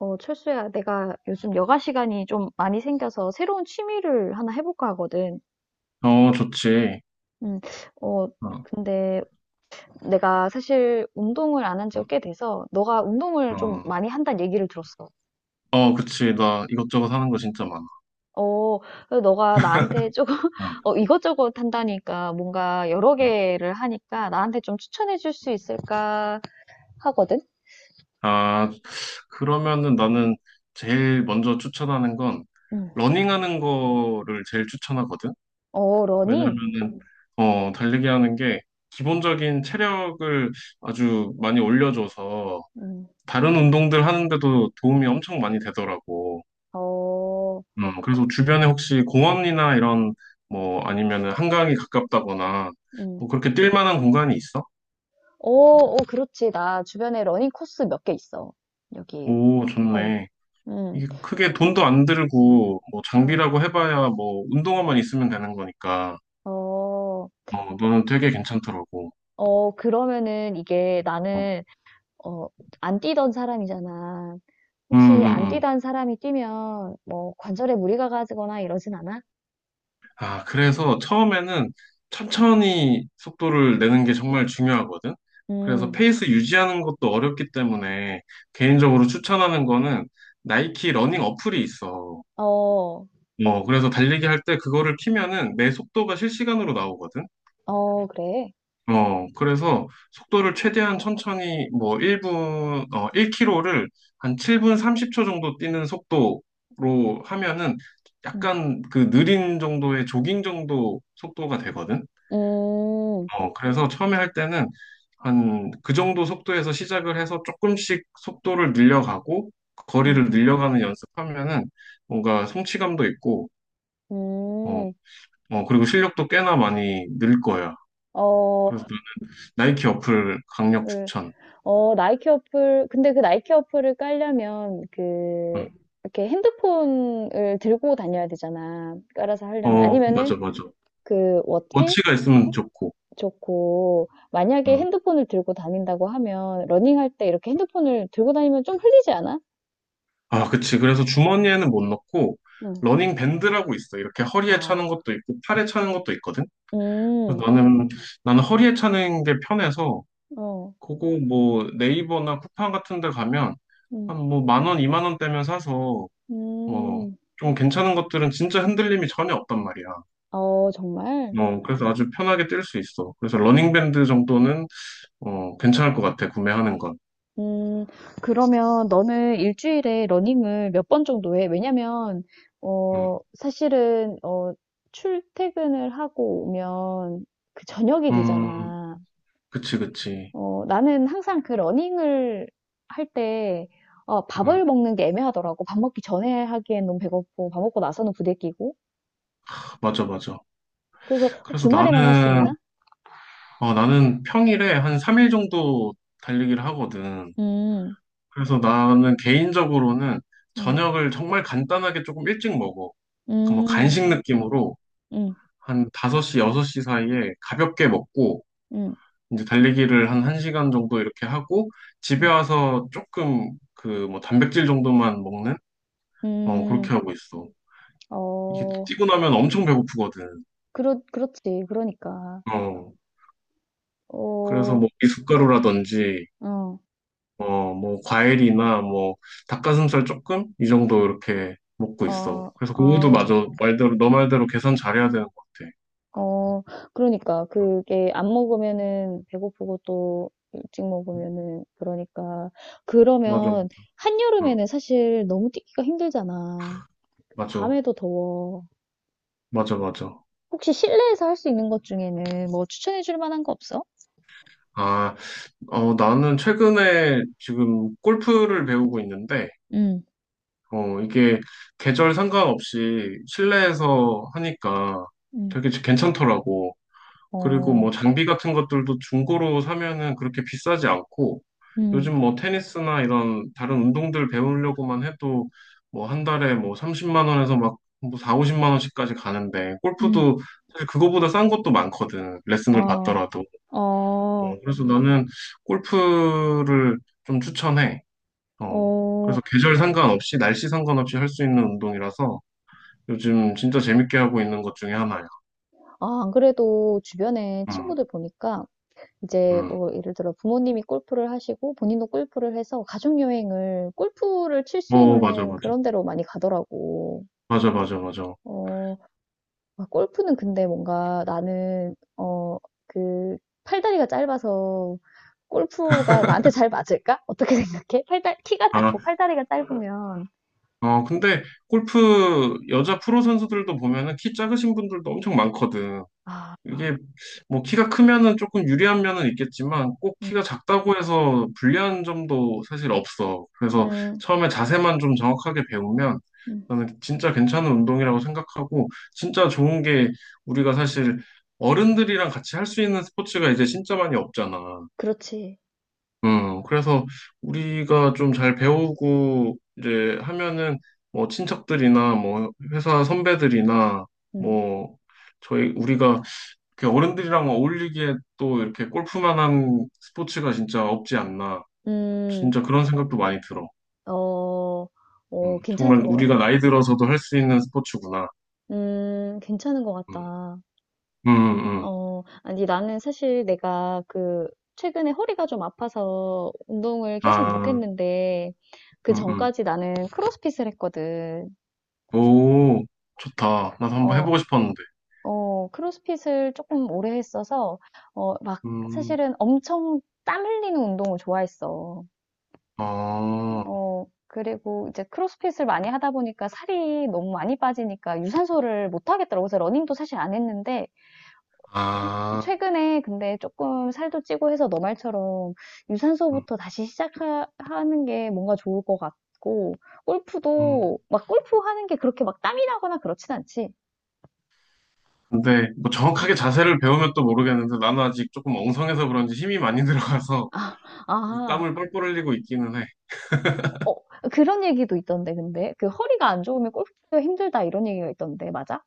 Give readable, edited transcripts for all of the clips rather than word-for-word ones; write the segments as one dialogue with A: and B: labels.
A: 어, 철수야, 내가 요즘 여가 시간이 좀 많이 생겨서 새로운 취미를 하나 해볼까 하거든.
B: 어, 좋지.
A: 음, 어,
B: 어,
A: 근데 내가 사실 운동을 안 한 지가
B: 어,
A: 꽤 돼서 너가 운동을 좀
B: 어,
A: 많이 한다는 얘기를 들었어.
B: 어, 그치. 나 이것저것 하는 거 진짜 많아.
A: 어, 그래서 너가 나한테 조금
B: 어,
A: 어, 이것저것 한다니까 뭔가 여러
B: 어.
A: 개를 하니까 나한테 좀 추천해 줄 수 있을까 하거든.
B: 아, 그러면은 나는 제일 먼저 추천하는 건
A: 음,
B: 러닝하는 거를 제일 추천하거든.
A: 어, 러닝?
B: 왜냐면은 달리기 하는 게 기본적인 체력을 아주 많이 올려줘서
A: 음,
B: 다른 운동들 하는데도 도움이 엄청 많이 되더라고.
A: 어,
B: 그래서 주변에 혹시 공원이나 이런 뭐 아니면은 한강이 가깝다거나
A: 음.
B: 뭐 그렇게 뛸 만한 공간이 있어?
A: 어, 어, 그렇지. 나 주변에 러닝 코스 몇 개 있어. 여기.
B: 오,
A: 어,
B: 좋네.
A: 음.
B: 이게 크게 돈도 안 들고 뭐 장비라고 해봐야 뭐 운동화만 있으면 되는 거니까
A: 어, 어,
B: 너는 되게 괜찮더라고.
A: 어, 그러면은 이게
B: 어.
A: 나는, 어, 안 뛰던 사람이잖아.
B: 음,
A: 혹시
B: 음,
A: 안
B: 음.
A: 뛰던 사람이 뛰면 뭐 관절에 무리가 가거나 이러진 않아?
B: 아, 그래서 처음에는 천천히 속도를 내는 게 정말 중요하거든. 그래서
A: 음,
B: 페이스 유지하는 것도 어렵기 때문에 개인적으로 추천하는 거는 나이키 러닝 어플이 있어.
A: 어,
B: 어, 그래서 달리기 할 때 그거를 키면은 내 속도가 실시간으로 나오거든.
A: 어, 그래.
B: 어, 그래서 속도를 최대한 천천히 뭐 1분, 1km를 한 7분 30초 정도 뛰는 속도로 하면은
A: 음,
B: 약간 그 느린 정도의 조깅 정도 속도가 되거든.
A: 음,
B: 어, 그래서 처음에 할 때는 한 그 정도 속도에서 시작을 해서 조금씩 속도를 늘려가고
A: 음,
B: 거리를 늘려가는 연습하면은 뭔가 성취감도 있고 어,
A: 음,
B: 어, 그리고 실력도 꽤나 많이 늘 거야.
A: 어,
B: 그래서 나이키 어플 강력 추천.
A: 어, 나이키 어플, 근데 그 나이키 어플을 깔려면, 그,
B: 응.
A: 이렇게 핸드폰을 들고 다녀야 되잖아. 깔아서 하려면.
B: 어,
A: 아니면은,
B: 맞아, 맞아.
A: 그, 워치?
B: 워치가 있으면 좋고.
A: 좋고, 만약에
B: 응.
A: 핸드폰을 들고 다닌다고 하면, 러닝할 때 이렇게 핸드폰을 들고 다니면 좀 흘리지 않아?
B: 아, 그치. 그래서 주머니에는 못 넣고,
A: 응.
B: 러닝 밴드라고 있어. 이렇게 허리에 차는
A: 아,
B: 것도 있고, 팔에 차는 것도 있거든.
A: 음,
B: 그래서 나는, 나는 허리에 차는 게 편해서,
A: 어,
B: 그거 뭐 네이버나 쿠팡 같은 데 가면,
A: 음,
B: 한 뭐 만 원, 이만 원대면 사서, 뭐,
A: 음,
B: 좀 괜찮은 것들은 진짜 흔들림이 전혀 없단 말이야.
A: 어, 정말?
B: 어, 그래서 아주 편하게 뛸 수 있어. 그래서 러닝밴드 정도는 어, 괜찮을 것 같아, 구매하는 건.
A: 음, 그러면 너는 일주일에 러닝을 몇 번 정도 해? 왜냐면,
B: 음,
A: 어, 사실은, 어, 출퇴근을 하고 오면 그 저녁이
B: 음,
A: 되잖아.
B: 그치, 그치.
A: 어, 나는 항상 그 러닝을 할 때, 어,
B: 음,
A: 밥을 먹는 게 애매하더라고. 밥 먹기 전에 하기엔 너무 배고프고, 밥 먹고 나서는 부대끼고.
B: 맞아, 맞아.
A: 그래서 어,
B: 그래서
A: 주말에만 할 수
B: 나는,
A: 있나?
B: 어, 나는 평일에 한 3일 정도 달리기를 하거든.
A: 음,
B: 그래서 나는 개인적으로는
A: 음,
B: 저녁을 정말 간단하게 조금 일찍 먹어. 그뭐
A: 음,
B: 간식 느낌으로
A: 음,
B: 한 5시, 6시 사이에 가볍게 먹고,
A: 음,
B: 이제 달리기를 한 1시간 정도 이렇게 하고 집에
A: 음,
B: 와서 조금 그 뭐 단백질 정도만 먹는 어 그렇게
A: 음,
B: 하고 있어. 이게
A: 어,
B: 뛰고 나면 엄청 배고프거든.
A: 그렇지. 그러니까.
B: 어. 그래서
A: 어,
B: 뭐 미숫가루라든지
A: 어,
B: 어 뭐 과일이나 뭐 닭가슴살 조금 이 정도 이렇게 먹고 있어.
A: 어,
B: 그래서 그것도
A: 어,
B: 맞아. 말대로 너 말대로 계산 잘해야 되는 것 같아.
A: 어, 그러니까 그게 안 먹으면은 배고프고 또 일찍 먹으면은 그러니까
B: 맞아.
A: 그러면
B: 응.
A: 한여름에는 사실 너무 뛰기가 힘들잖아.
B: 맞아.
A: 밤에도 더워.
B: 맞아. 맞아.
A: 혹시 실내에서 할 수 있는 것 중에는 뭐 추천해 줄 만한 거 없어?
B: 아, 어, 나는 최근에 지금 골프를 배우고 있는데
A: 응,
B: 이게 계절 상관없이 실내에서 하니까
A: 응,
B: 되게 괜찮더라고. 그리고 뭐
A: 어,
B: 장비 같은 것들도 중고로 사면은 그렇게 비싸지 않고
A: 응,
B: 요즘 뭐 테니스나 이런 다른 운동들 배우려고만 해도 뭐 한 달에 뭐 30만 원에서 막뭐 4, 50만 원씩까지 가는데
A: 응,
B: 골프도 사실 그거보다 싼 것도 많거든. 레슨을
A: 아,
B: 받더라도.
A: 어,
B: 어, 그래서 나는 골프를 좀 추천해. 어,
A: 어,
B: 그래서 계절 상관없이, 날씨 상관없이 할 수 있는 운동이라서 요즘 진짜 재밌게 하고 있는 것 중에 하나야.
A: 아, 안 그래도 주변에
B: 음,
A: 친구들 보니까 이제
B: 음.
A: 뭐 예를 들어 부모님이 골프를 하시고 본인도 골프를 해서 가족 여행을 골프를 칠 수
B: 어, 맞아,
A: 있는
B: 맞아.
A: 그런 데로 많이 가더라고.
B: 맞아, 맞아, 맞아.
A: 어, 아, 골프는 근데 뭔가 나는 어, 그 팔다리가 짧아서 골프가 나한테 잘 맞을까? 어떻게 생각해? 팔다 키가
B: 아,
A: 작고 팔다리가 짧으면
B: 어, 근데 골프 여자 프로 선수들도 보면은 키 작으신 분들도 엄청 많거든.
A: 아,
B: 이게 뭐 키가 크면은 조금 유리한 면은 있겠지만 꼭
A: 음,
B: 키가 작다고 해서 불리한 점도 사실 없어. 그래서
A: 음,
B: 처음에 자세만 좀 정확하게 배우면
A: 음,
B: 나는 진짜 괜찮은 운동이라고 생각하고 진짜 좋은 게 우리가 사실 어른들이랑 같이 할 수 있는 스포츠가 이제 진짜 많이 없잖아.
A: 그렇지.
B: 그래서 우리가 좀 잘 배우고 이제 하면은 뭐 친척들이나 뭐 회사 선배들이나
A: 음,
B: 뭐 저희 우리가 그 어른들이랑 어울리기에 또 이렇게 골프만한 스포츠가 진짜 없지 않나.
A: 음,
B: 진짜 그런 생각도 많이 들어.
A: 어, 어, 괜찮은
B: 정말
A: 것
B: 우리가 나이
A: 같다.
B: 들어서도 할 수 있는 스포츠구나.
A: 괜찮은 것
B: 음,
A: 같다.
B: 음, 음.
A: 어, 아니, 나는 사실 내가 그, 최근에 허리가 좀 아파서 운동을 계속
B: 아,
A: 못했는데, 그
B: 음, 음.
A: 전까지 나는 크로스핏을 했거든.
B: 오, 좋다. 나도 한번
A: 어,
B: 해보고 싶었는데.
A: 어, 크로스핏을 조금 오래 했어서, 어, 막,
B: 음,
A: 사실은 엄청 땀 흘리는 운동을 좋아했어.
B: 어,
A: 어, 그리고 이제 크로스핏을 많이 하다 보니까 살이 너무 많이 빠지니까 유산소를 못 하겠더라고. 그래서 러닝도 사실 안 했는데, 최-
B: 아,
A: 최근에 근데 조금 살도 찌고 해서 너 말처럼
B: 음,
A: 유산소부터 다시 시작하는 게 뭔가 좋을 것 같고,
B: 음.
A: 골프도 막 골프 하는 게 그렇게 막 땀이 나거나 그렇진 않지.
B: 근데 뭐 정확하게 자세를 배우면 또 모르겠는데 나는 아직 조금 엉성해서 그런지 힘이 많이 들어가서
A: 아, 아,
B: 땀을 뻘뻘 흘리고 있기는 해.
A: 어, 그런 얘기도 있던데, 근데. 그 허리가 안 좋으면 골프가 힘들다 이런 얘기가 있던데, 맞아?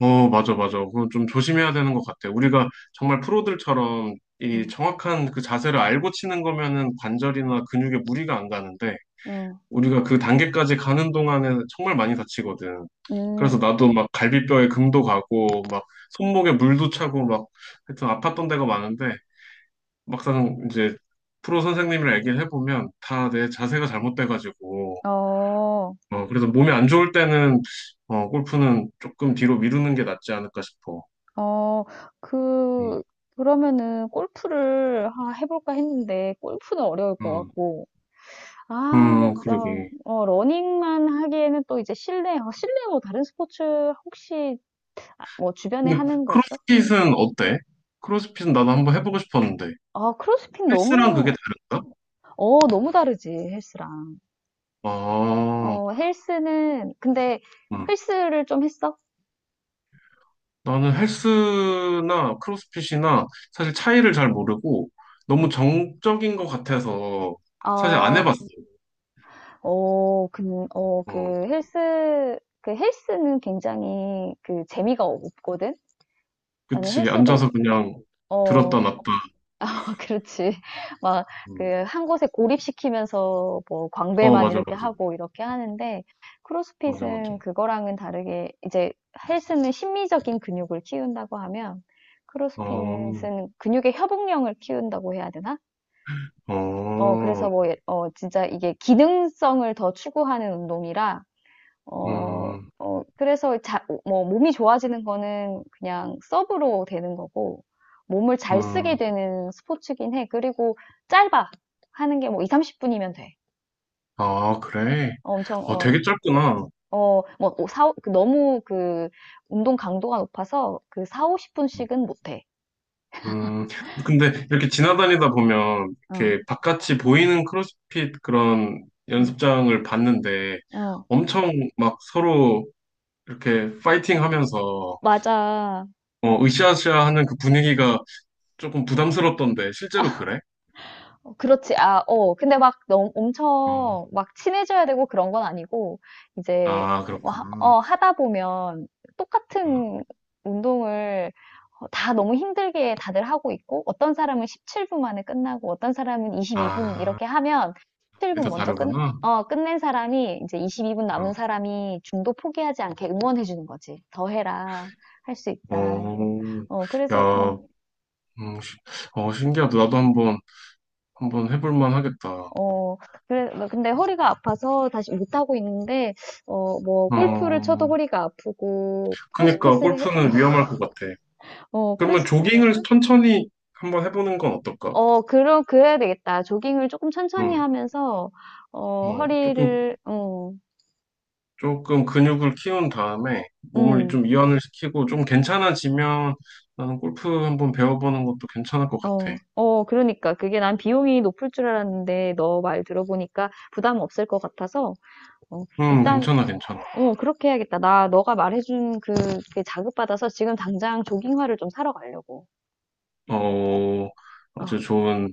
B: 어, 맞아, 맞아. 그건 좀 조심해야 되는 것 같아. 우리가 정말 프로들처럼 이
A: 어,
B: 정확한 그 자세를 알고 치는 거면은 관절이나 근육에 무리가 안 가는데,
A: 어,
B: 우리가 그 단계까지 가는 동안에 정말 많이 다치거든.
A: 음,
B: 그래서 나도 막 갈비뼈에 금도 가고, 막 손목에 물도 차고, 막 하여튼 아팠던 데가 많은데, 막상 이제 프로 선생님이랑 얘기를 해보면 다 내 자세가 잘못돼가지고,
A: 어,
B: 그래서 몸이 안 좋을 때는, 골프는 조금 뒤로 미루는 게 낫지 않을까 싶어.
A: 어,
B: 음.
A: 그, 그러면은 골프를 아, 해볼까 했는데, 골프는 어려울 것
B: 음,
A: 같고, 아 그래서
B: 그러게.
A: 어 러닝만 하기에는 또 이제 실내 뭐 다른 스포츠 혹시 아 뭐 주변에
B: 근데
A: 하는 거 없어?
B: 크로스핏은 어때? 크로스핏은 나도 한번 해보고 싶었는데.
A: 아 크로스핏
B: 헬스랑 그게
A: 너무
B: 다른가?
A: 어 너무 다르지 헬스랑.
B: 아,
A: 어 헬스는 근데
B: 음.
A: 헬스를 좀 했어?
B: 나는 헬스나 크로스핏이나 사실 차이를 잘 모르고 너무
A: 응.
B: 정적인 것 같아서 사실 안 해봤어.
A: 어. 어 근 어 그
B: 어,
A: 헬스 그 헬스는 굉장히 그 재미가 없거든. 나는
B: 그치.
A: 헬스도
B: 앉아서 그냥 들었다
A: 어
B: 놨다.
A: 그렇지. 막, 그,
B: 음.
A: 한 곳에 고립시키면서, 뭐,
B: 어,
A: 광배만
B: 맞아,
A: 이렇게
B: 맞아.
A: 하고, 이렇게 하는데,
B: 맞아, 맞아.
A: 크로스핏은 그거랑은 다르게, 이제, 헬스는 심미적인 근육을 키운다고 하면,
B: 어,
A: 크로스핏은 근육의 협응력을 키운다고 해야 되나? 어, 그래서
B: 어,
A: 뭐, 어, 진짜 이게 기능성을 더 추구하는 운동이라, 어,
B: 음,
A: 어, 그래서 뭐, 몸이 좋아지는 거는 그냥 서브로 되는 거고, 몸을 잘 쓰게
B: 음.
A: 되는 스포츠긴 해. 그리고 짧아. 하는 게 뭐 2, 30분이면 돼.
B: 아, 그래.
A: 어, 엄청,
B: 어,
A: 어,
B: 되게 짧구나.
A: 어, 뭐, 오, 사, 그 너무 그, 운동 강도가 높아서 그 4,
B: 음.
A: 50분씩은 못 해.
B: 음, 근데 이렇게 지나다니다 보면
A: 어,
B: 이렇게 바깥이 보이는 크로스핏 그런
A: 음,
B: 연습장을 봤는데
A: 어,
B: 엄청 막 서로 이렇게 파이팅 하면서
A: 맞아.
B: 어, 으쌰으쌰 하는 그 분위기가 조금 부담스럽던데 실제로 그래?
A: 어, 그렇지. 아, 어. 근데 막 너무 엄청
B: 어,
A: 막 친해져야 되고 그런 건 아니고, 이제,
B: 아,
A: 뭐 하,
B: 그렇구나.
A: 어, 하다 보면
B: 음,
A: 똑같은 운동을 어, 다 너무 힘들게 다들 하고 있고, 어떤 사람은 17분 만에 끝나고, 어떤 사람은 22분
B: 아,
A: 이렇게 하면 17분
B: 그게 다
A: 먼저 끝,
B: 다르구나.
A: 어, 끝낸 사람이 이제 22분
B: 어,
A: 남은 사람이 중도 포기하지 않게 응원해주는 거지. 더 해라. 할 수
B: 어,
A: 있다. 예. 어, 그래서,
B: 야, 음, 시- 어, 신기하다. 나도 한번, 한번 해볼 만 하겠다.
A: 어, 그래, 뭐 근데 허리가 아파서 다시 못하고 있는데, 어, 뭐, 골프를 쳐도
B: 어,
A: 허리가 아프고,
B: 그니까
A: 크로스핏을 해,
B: 골프는 위험할 것 같아.
A: 어,
B: 그러면 조깅을 천천히 한번 해보는 건 어떨까?
A: 어, 그럼, 그래야 되겠다. 조깅을 조금 천천히
B: 음,
A: 하면서, 어,
B: 어, 조금,
A: 허리를, 어,
B: 조금 근육을 키운 다음에 몸을
A: 음,
B: 좀 이완을 시키고 좀 괜찮아지면 나는 골프 한번 배워보는 것도 괜찮을 것 같아.
A: 어, 어, 그러니까. 그게 난 비용이 높을 줄 알았는데, 너 말 들어보니까 부담 없을 것 같아서, 어, 일단,
B: 괜찮아, 괜찮아.
A: 어, 그렇게 해야겠다. 나, 너가 말해준 그, 게 자극받아서 지금 당장 조깅화를 좀 사러 가려고.
B: 어, 아주
A: 어,
B: 좋은,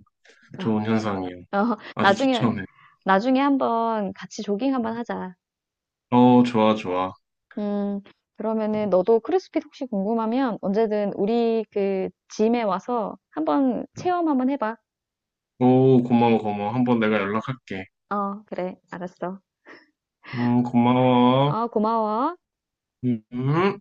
A: 어.
B: 좋은 현상이에요.
A: 어,
B: 아주
A: 나중에,
B: 추천해.
A: 나중에 한번 같이 조깅 한번 하자.
B: 어, 좋아, 좋아.
A: 음, 그러면은
B: 음,
A: 너도 크로스핏 혹시 궁금하면 언제든 우리 그 짐에 와서 한번
B: 음.
A: 체험 한번 해봐.
B: 오, 고마워, 고마워. 한번 내가 연락할게.
A: 어, 그래, 알았어.
B: 고마워.
A: 어, 고마워.
B: 음.